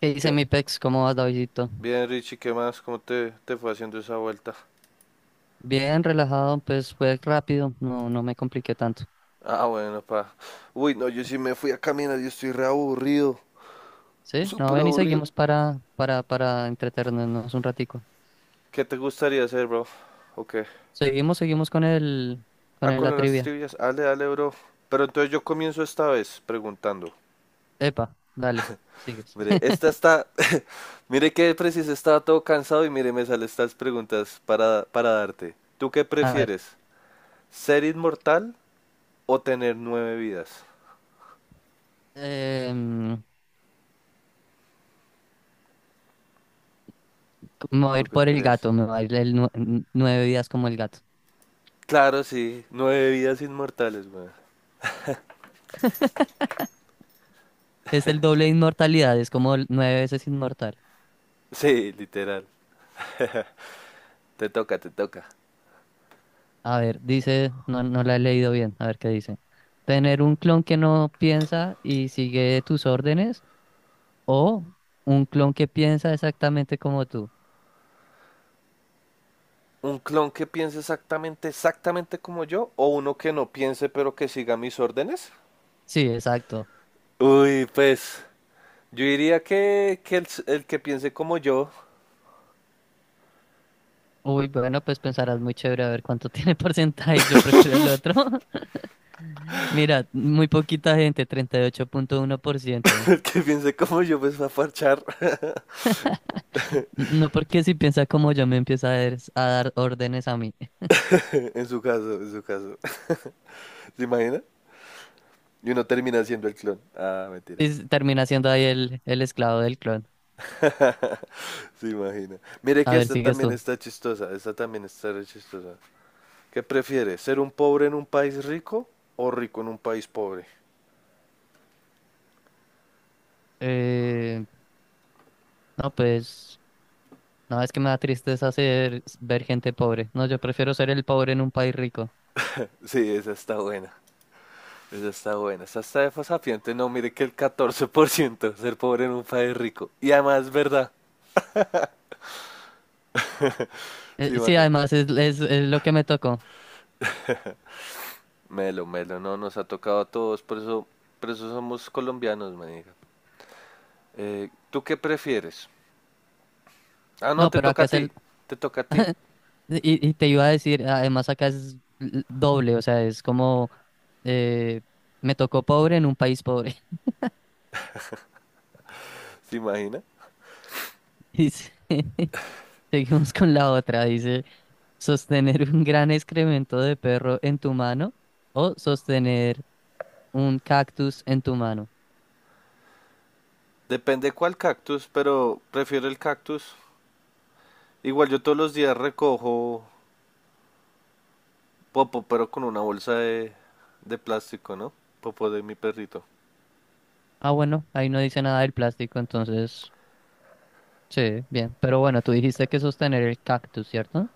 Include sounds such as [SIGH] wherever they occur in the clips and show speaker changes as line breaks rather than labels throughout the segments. ¿Qué dice
¿Qué?
mi pex? ¿Cómo vas, Davidito?
Bien, Richie, ¿qué más? ¿Cómo te fue haciendo esa vuelta?
Bien relajado, pues fue rápido, no, no me compliqué tanto.
Ah, bueno, pa. Uy, no, yo sí me fui a caminar, yo estoy re aburrido.
¿Sí? No,
Súper
ven y
aburrido.
seguimos para entretenernos un ratico.
¿Qué te gustaría hacer, bro? ¿O qué?
Seguimos con el, con
Ah,
el,
con
la
las
trivia.
trivias. Dale, dale, bro. Pero entonces yo comienzo esta vez preguntando.
Epa, dale, sigues.
Mire,
[LAUGHS]
esta está. [LAUGHS] Mire que preciso, estaba todo cansado y mire, me salen estas preguntas para darte. ¿Tú qué
A ver,
prefieres? ¿Ser inmortal o tener nueve vidas?
em, me voy a
¿Tú
ir
qué
por el
crees?
gato, me va a ir el 9 días como el gato.
Claro, sí. Nueve vidas inmortales, güey.
Es el doble de inmortalidad, es como el nueve veces inmortal.
Sí, literal. Te toca, te toca.
A ver, dice, no, no la he leído bien, a ver qué dice. Tener un clon que no piensa y sigue tus órdenes o un clon que piensa exactamente como tú.
¿Un clon que piense exactamente, exactamente como yo? ¿O uno que no piense pero que siga mis órdenes?
Sí, exacto.
Uy, pues yo diría que el que piense como yo,
Uy, bueno, pues pensarás muy chévere a ver cuánto [LAUGHS] tiene porcentaje. Yo prefiero el otro. [LAUGHS] Mira, muy poquita gente, treinta y ocho punto uno por
[LAUGHS]
ciento.
el que piense como yo, pues va a parchar. [LAUGHS]
No, porque si piensa como yo me empieza a dar órdenes a mí. [LAUGHS]
En su caso, en su caso. [LAUGHS] ¿Se imagina? Y uno termina siendo el clon. Ah, mentira.
Termina siendo ahí el esclavo del clon.
Se imagina. Mire
A
que
ver,
esta
sigues
también
tú.
está chistosa, esta también está re chistosa. ¿Qué prefiere? ¿Ser un pobre en un país rico o rico en un país pobre?
Eh, no, pues. No, es que me da tristeza ver gente pobre. No, yo prefiero ser el pobre en un país rico.
Sí, esa está buena. Esa está buena. Esa está de fasapiente. No, mire que el 14% ser pobre en un país rico. Y además es verdad. Se
Sí,
imagina.
además es lo que me tocó.
Melo, melo, no, nos ha tocado a todos. Por eso somos colombianos, me diga. ¿Tú qué prefieres? Ah, no,
No,
te
pero
toca
acá
a
es
ti.
el.
Te toca a ti.
Y te iba a decir, además acá es doble, o sea, es como. eh, Me tocó pobre en un país pobre.
¿Se imagina?
[LAUGHS] Dice, [LAUGHS] seguimos con la otra. Dice, sostener un gran excremento de perro en tu mano o sostener un cactus en tu mano.
Depende cuál cactus, pero prefiero el cactus. Igual yo todos los días recojo Popo, pero con una bolsa de plástico, ¿no? Popo de mi perrito.
Ah, bueno, ahí no dice nada del plástico, entonces. Sí, bien. Pero bueno, tú dijiste que sostener el cactus, ¿cierto?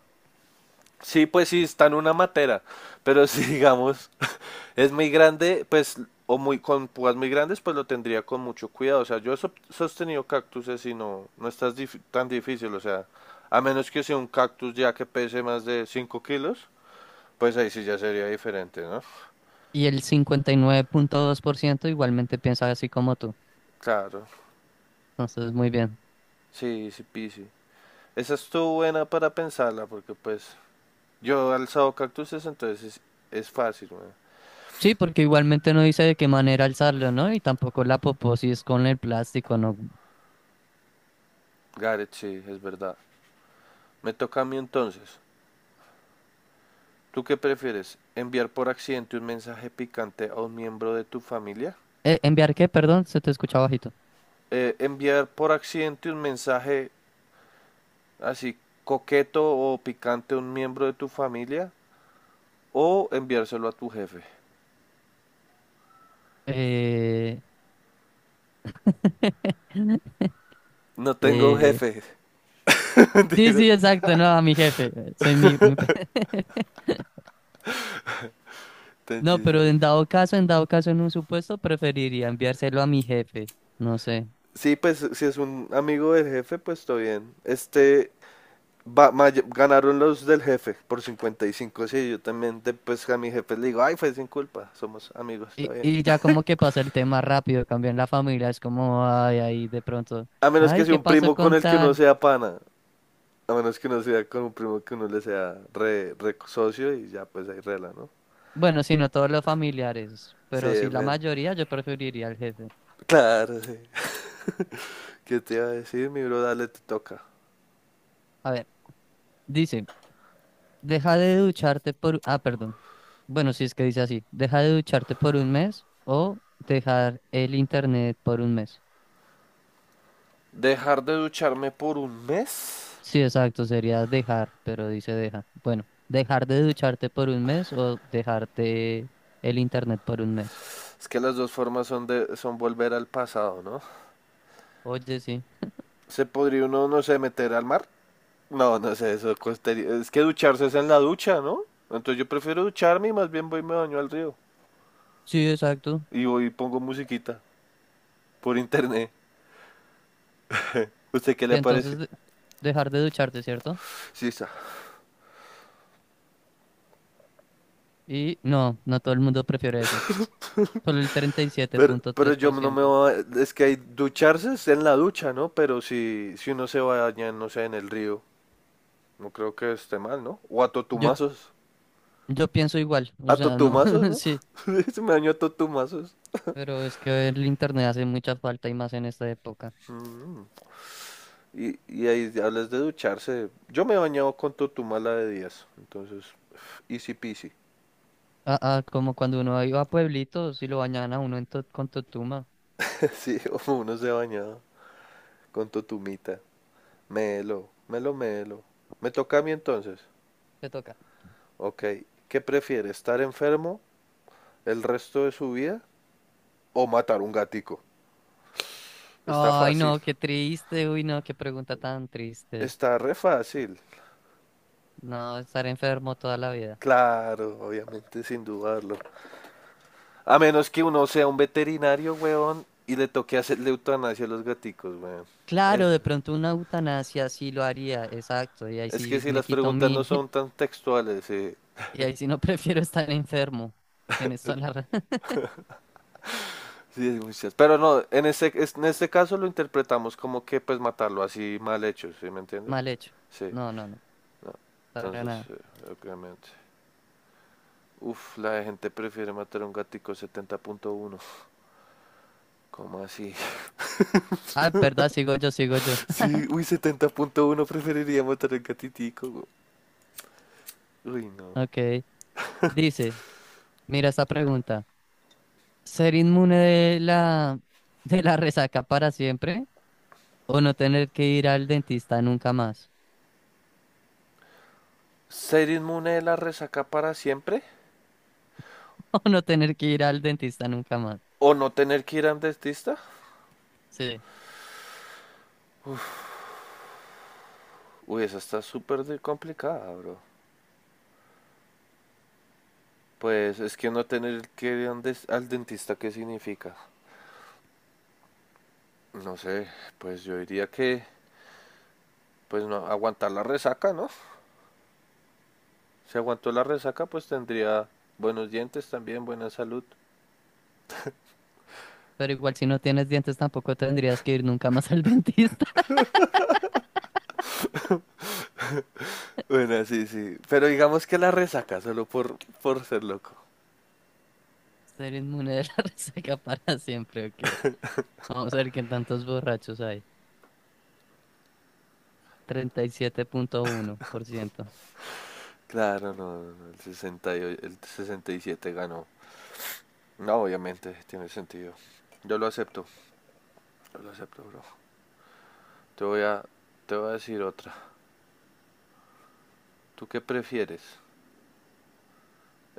Sí, pues sí, está en una matera, pero si digamos [LAUGHS] es muy grande, pues, o muy con púas muy grandes, pues lo tendría con mucho cuidado. O sea, yo he sostenido cactuses y no, no está tan difícil, o sea, a menos que sea un cactus ya que pese más de 5 kilos, pues ahí sí ya sería diferente, ¿no?
Y el 59,2% igualmente piensa así como tú.
Claro,
Entonces, muy bien.
sí, sí, sí. Esa estuvo buena para pensarla, porque pues yo he alzado cactuses, entonces es fácil, weón.
Sí, porque igualmente no dice de qué manera alzarlo, ¿no? Y tampoco la poposis con el plástico, ¿no?
Gareth, sí, es verdad. Me toca a mí entonces. ¿Tú qué prefieres? ¿Enviar por accidente un mensaje picante a un miembro de tu familia?
¿Enviar qué? Perdón, se te escucha bajito.
¿Enviar por accidente un mensaje así coqueto o picante a un miembro de tu familia? ¿O enviárselo a tu jefe?
Eh... [LAUGHS]
No tengo
eh...
jefe. [LAUGHS]
Sí,
Mentira.
sí, exacto, no, a mi jefe. Soy mi. [LAUGHS] No, pero en dado caso, en dado caso, en un supuesto, preferiría enviárselo a mi jefe. No sé.
Sí, pues si es un amigo del jefe, pues está bien. Este, ganaron los del jefe por 55, sí, yo también pues a mi jefe le digo, ay, fue sin culpa, somos amigos, está
Y,
bien.
y ya como que pasa el tema rápido, cambia en la familia, es como, ay, ahí de pronto,
A menos
ay,
que sea
¿qué
un
pasó
primo con
con
el que uno
tal?
sea pana, a menos que uno sea con un primo que uno le sea re, re socio y ya pues ahí rela, ¿no?
Bueno, si no todos los familiares, pero
Sí,
si la
ven.
mayoría, yo preferiría al jefe.
Claro, sí. [LAUGHS] ¿Qué te iba a decir, mi bro? Dale, te toca.
A ver, dice, deja de ducharte por, ah, perdón. Bueno, si es que dice así, deja de ducharte por un mes o dejar el internet por un mes.
Dejar de ducharme por un mes.
Sí, exacto, sería dejar, pero dice deja. Bueno, dejar de ducharte por un mes o dejarte el internet por un mes.
Es que las dos formas son de son volver al pasado, ¿no?
Oye, sí.
Se podría uno, no sé, meter al mar. No, no sé, eso costaría. Es que ducharse es en la ducha, ¿no? Entonces yo prefiero ducharme y más bien voy y me baño al río.
Sí, exacto.
Y voy y pongo musiquita por internet. ¿Usted qué
Y
le pareció?
entonces dejar de ducharte, ¿cierto?
Sí, está.
Y no, no todo el mundo prefiere eso. Solo el treinta y siete punto
Pero
tres
yo
por
no me
ciento
voy a... Es que hay ducharse es en la ducha, ¿no? Pero si uno se baña, no sé, en el río, no creo que esté mal, ¿no? O a
Yo,
totumazos.
yo pienso igual, o
A
sea, no,
totumazos,
[LAUGHS]
¿no?
sí,
[LAUGHS] Se me bañó a totumazos.
pero es que el internet hace mucha falta y más en esta época.
Y ahí hablas de ducharse. Yo me he bañado con totumala de días. Entonces, easy peasy.
Ah, ah, como cuando uno iba a pueblitos y lo bañaban a uno en con Totuma.
[LAUGHS] Sí, uno se baña con totumita. Melo, melo, melo. ¿Me toca a mí entonces?
Te toca.
Ok. ¿Qué prefiere? ¿Estar enfermo el resto de su vida o matar un gatico? Está
Ay,
fácil.
no, qué triste, uy, no, qué pregunta tan triste.
Está re fácil.
No, estar enfermo toda la vida.
Claro, obviamente, sin dudarlo. A menos que uno sea un veterinario, weón, y le toque hacerle eutanasia a los gaticos, weón. Es,
Claro, de pronto una eutanasia sí lo haría, exacto, y ahí
es que
sí
si
me
las
quito
preguntas no
mi,
son
[LAUGHS]
tan textuales,
y ahí si no [LAUGHS] prefiero estar enfermo. Tienes toda la [LAUGHS]
sí, es muchas. Pero no, en este, en este caso lo interpretamos como que pues matarlo así mal hecho, ¿sí me entiende?
Mal hecho.
Sí,
No, no, no.
no.
Para
Entonces,
nada.
obviamente. Uf, la gente prefiere matar a un gatico 70.1. ¿Cómo así? [LAUGHS]
Ah, verdad, sigo yo, sigo yo. [LAUGHS]
Sí, uy, 70.1 preferiría matar a un gatitico. Güey. Uy, no.
Ok. Dice, mira esta pregunta. ¿Ser inmune [LAUGHS] de la resaca para siempre? ¿O no tener que ir al dentista nunca más?
¿Ser inmune de la resaca para siempre?
[LAUGHS] ¿O no tener que ir al dentista nunca más?
¿O no tener que ir a un dentista?
Sí.
Uy, esa está súper complicada, bro. Pues es que no tener que ir a un al dentista, ¿qué significa? No sé, pues yo diría que pues no aguantar la resaca, ¿no? Si aguantó la resaca, pues tendría buenos dientes también, buena salud.
Pero igual si no tienes dientes tampoco tendrías que ir nunca más al dentista.
Bueno, sí, sí. Pero digamos que la resaca solo por ser loco.
[LAUGHS] Ser inmune de la [LAUGHS] resaca para siempre, ok. Vamos a ver qué tantos borrachos hay. 37,1%.
Claro, no, no, no, el 68, el 67 ganó. No, obviamente, tiene sentido. Yo lo acepto, yo lo acepto, bro. Te voy a, te voy a decir otra. ¿Tú qué prefieres?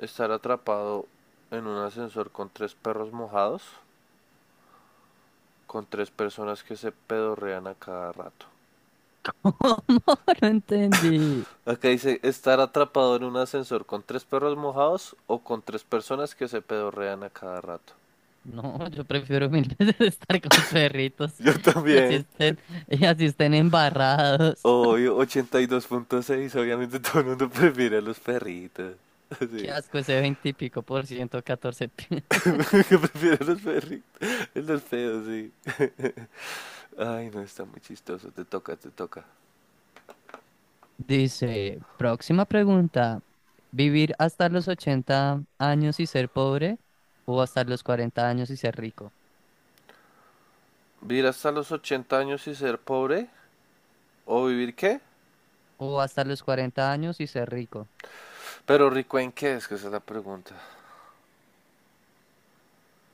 ¿Estar atrapado en un ascensor con tres perros mojados con tres personas que se pedorrean a cada rato?
[LAUGHS] ¿Cómo? No entendí.
Acá dice estar atrapado en un ascensor con tres perros mojados o con tres personas que se pedorrean a cada rato.
No, yo prefiero mil [LAUGHS] veces estar con
[LAUGHS]
perritos
Yo
[LAUGHS] y así
también.
estén, y así estén embarrados.
Obvio, 82.6. Obviamente todo el mundo prefiere a los perritos.
[LAUGHS] Qué
Sí.
asco ese 20 y pico por ciento,
[LAUGHS]
[LAUGHS]
Que prefiere a los perritos. Los feos, sí. [LAUGHS] Ay, no, está muy chistoso. Te toca, te toca.
Dice, próxima pregunta. ¿Vivir hasta los 80 años y ser pobre? ¿O hasta los 40 años y ser rico?
¿Vivir hasta los 80 años y ser pobre? ¿O vivir qué?
¿O hasta los cuarenta años y ser rico?
Pero rico en qué es que esa es la pregunta.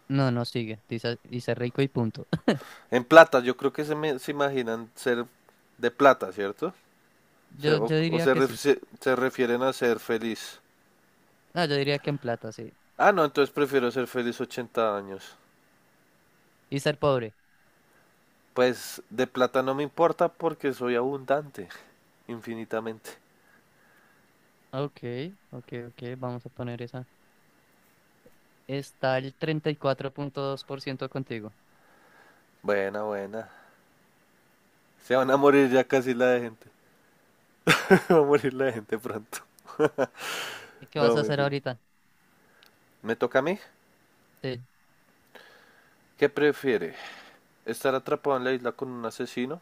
No, no sigue. Dice, y ser rico y punto. [LAUGHS]
En plata, yo creo que se imaginan ser de plata, ¿cierto? Se-
Yo, yo
o
diría
se,
que
ref-
sí.
se- se refieren a ser feliz.
No, yo diría que en plata, sí.
Ah, no, entonces prefiero ser feliz 80 años.
Y ser pobre.
Pues de plata no me importa porque soy abundante, infinitamente.
Ok, ok, ok, vamos a poner esa. Está el 34,2% contigo.
Buena, buena. Se van a morir ya casi la de gente. [LAUGHS] Va a morir la de gente pronto. [LAUGHS]
¿Y qué vas
No,
a hacer
mentira.
ahorita?
¿Me toca a mí?
Te-
¿Qué prefiere? ¿Estar atrapado en la isla con un asesino?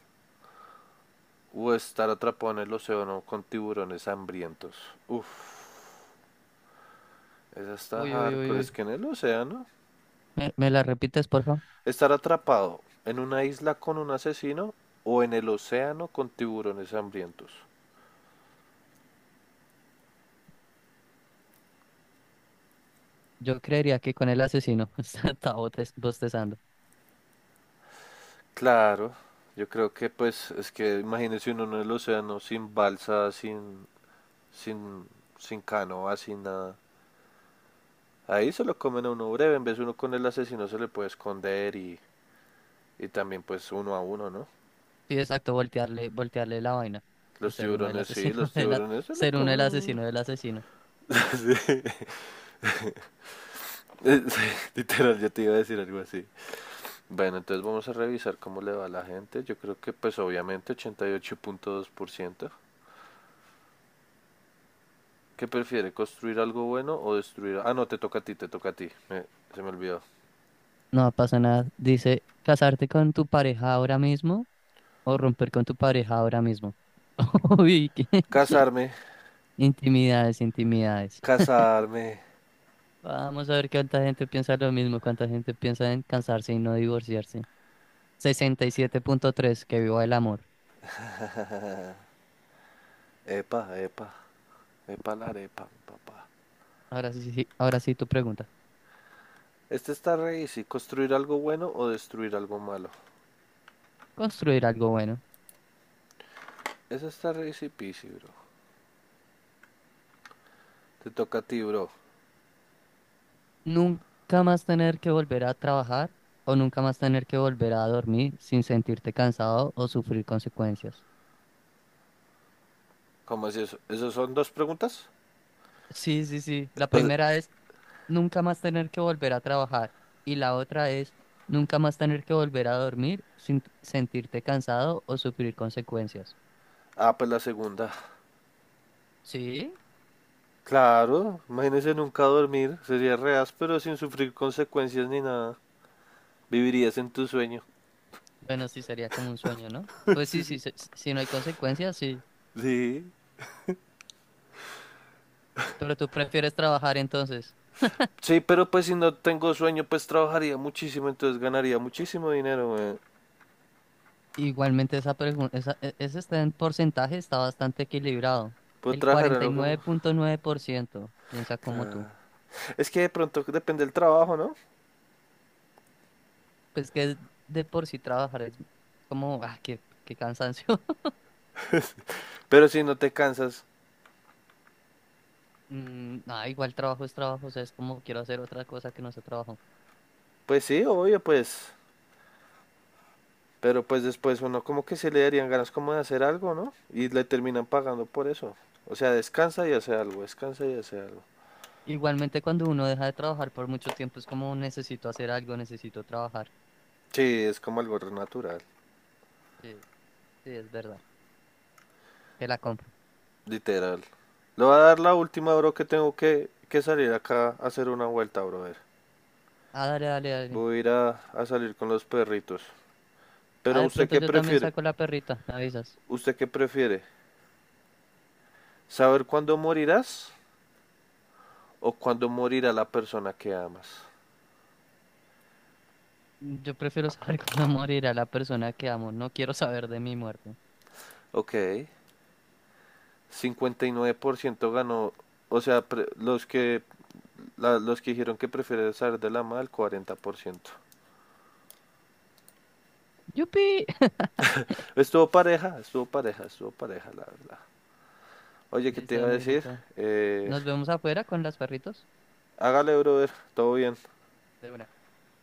¿O estar atrapado en el océano con tiburones hambrientos? Uf. Esa está
Uy, uy, uy,
hardcore.
uy.
Es que en el océano,
¿Me la repites, por favor?
estar atrapado en una isla con un asesino o en el océano con tiburones hambrientos.
Yo creería que con el asesino [LAUGHS] está bostezando.
Claro, yo creo que pues es que imagínese uno en el océano sin balsa, sin, sin canoa, sin nada. Ahí se lo comen a uno breve, en vez de uno con el asesino se le puede esconder y también pues uno a uno, ¿no?
Sí, exacto, voltearle la vaina y
Los
ser uno el
tiburones sí,
asesino
los
[LAUGHS]
tiburones se lo
ser uno el
comen.
asesino del asesino.
[LAUGHS] Sí, literal, yo te iba a decir algo así. Bueno, entonces vamos a revisar cómo le va a la gente. Yo creo que pues obviamente 88.2%. ¿Qué prefiere? ¿Construir algo bueno o destruir? Ah, no, te toca a ti, te toca a ti. Se me olvidó.
No pasa nada. Dice, ¿casarte con tu pareja ahora mismo o romper con tu pareja ahora mismo? [LAUGHS] Uy, ¿qué?
Casarme,
Intimidades, intimidades.
casarme.
Vamos a ver cuánta gente piensa lo mismo, cuánta gente piensa en cansarse y no divorciarse. 67,3, que viva el amor.
Epa, epa, epa la arepa, mi papá.
Ahora sí, sí, ahora sí tu pregunta.
Este está re easy. ¿Construir algo bueno o destruir algo malo?
Construir algo bueno.
Ese está re easy peasy, bro. Te toca a ti, bro.
Nunca más tener que volver a trabajar o nunca más tener que volver a dormir sin sentirte cansado o sufrir consecuencias.
¿Cómo es eso? ¿Esas son dos preguntas?
Sí, sí, sí. La
O...
primera es nunca más tener que volver a trabajar y la otra es nunca más tener que volver a dormir sin sentirte cansado o sufrir consecuencias.
ah, pues la segunda.
Sí,
Claro, imagínese nunca dormir, sería reas, pero sin sufrir consecuencias ni nada. Vivirías en tu sueño.
bueno, sí sería como un sueño, ¿no?
[LAUGHS]
Pues
Sí,
sí, sí,
sí.
si no hay consecuencias, sí.
Sí.
Pero tú prefieres trabajar entonces.
Sí, pero pues si no tengo sueño, pues trabajaría muchísimo, entonces ganaría muchísimo dinero, güey.
Igualmente esa pregunta, ese está en porcentaje, está bastante equilibrado.
Puedo
El
trabajar a
cuarenta y
lo que
nueve
me...
nueve punto nueve por ciento piensa como tú.
Claro. Es que de pronto depende del trabajo, ¿no?
Pues que de por sí trabajar es como, ah, qué cansancio.
Pero si no te cansas,
Mm, ah, igual trabajo es trabajo, o sea, es como quiero hacer otra cosa que no sea trabajo.
pues sí, obvio, pues. Pero pues después uno como que se le darían ganas como de hacer algo, ¿no? Y le terminan pagando por eso. O sea, descansa y hace algo, descansa y hace algo.
Igualmente cuando uno deja de trabajar por mucho tiempo es como necesito hacer algo, necesito trabajar.
Sí, es como algo re natural,
Sí, sí, es verdad. Te la compro.
literal. Le voy a dar la última, bro, que tengo que salir acá a hacer una vuelta, brother.
Ah, dale, dale, dale.
Voy a ir a salir con los perritos.
Ah,
Pero
de
¿usted
pronto
qué
yo también
prefiere?
saco la perrita, me avisas.
¿Usted qué prefiere? ¿Saber cuándo morirás o cuándo morirá la persona que amas?
Mm, yo prefiero saber [LAUGHS] cuándo morirá la persona que amo, no quiero saber de mi muerte.
Ok, 59% ganó, o sea, los que los que dijeron que prefieren saber de la mal, 40%.
¡Yupi! [LAUGHS]
Estuvo pareja, estuvo pareja, estuvo pareja, la verdad. Oye, ¿qué te
Listo,
iba a decir?
negrito.
Eh,
Nos vemos afuera con las perritos.
hágale, brother, todo bien.
De una.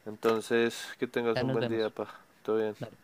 Entonces, que tengas
Ya
un
nos
buen día,
vemos.
pa. Todo bien.
Dale.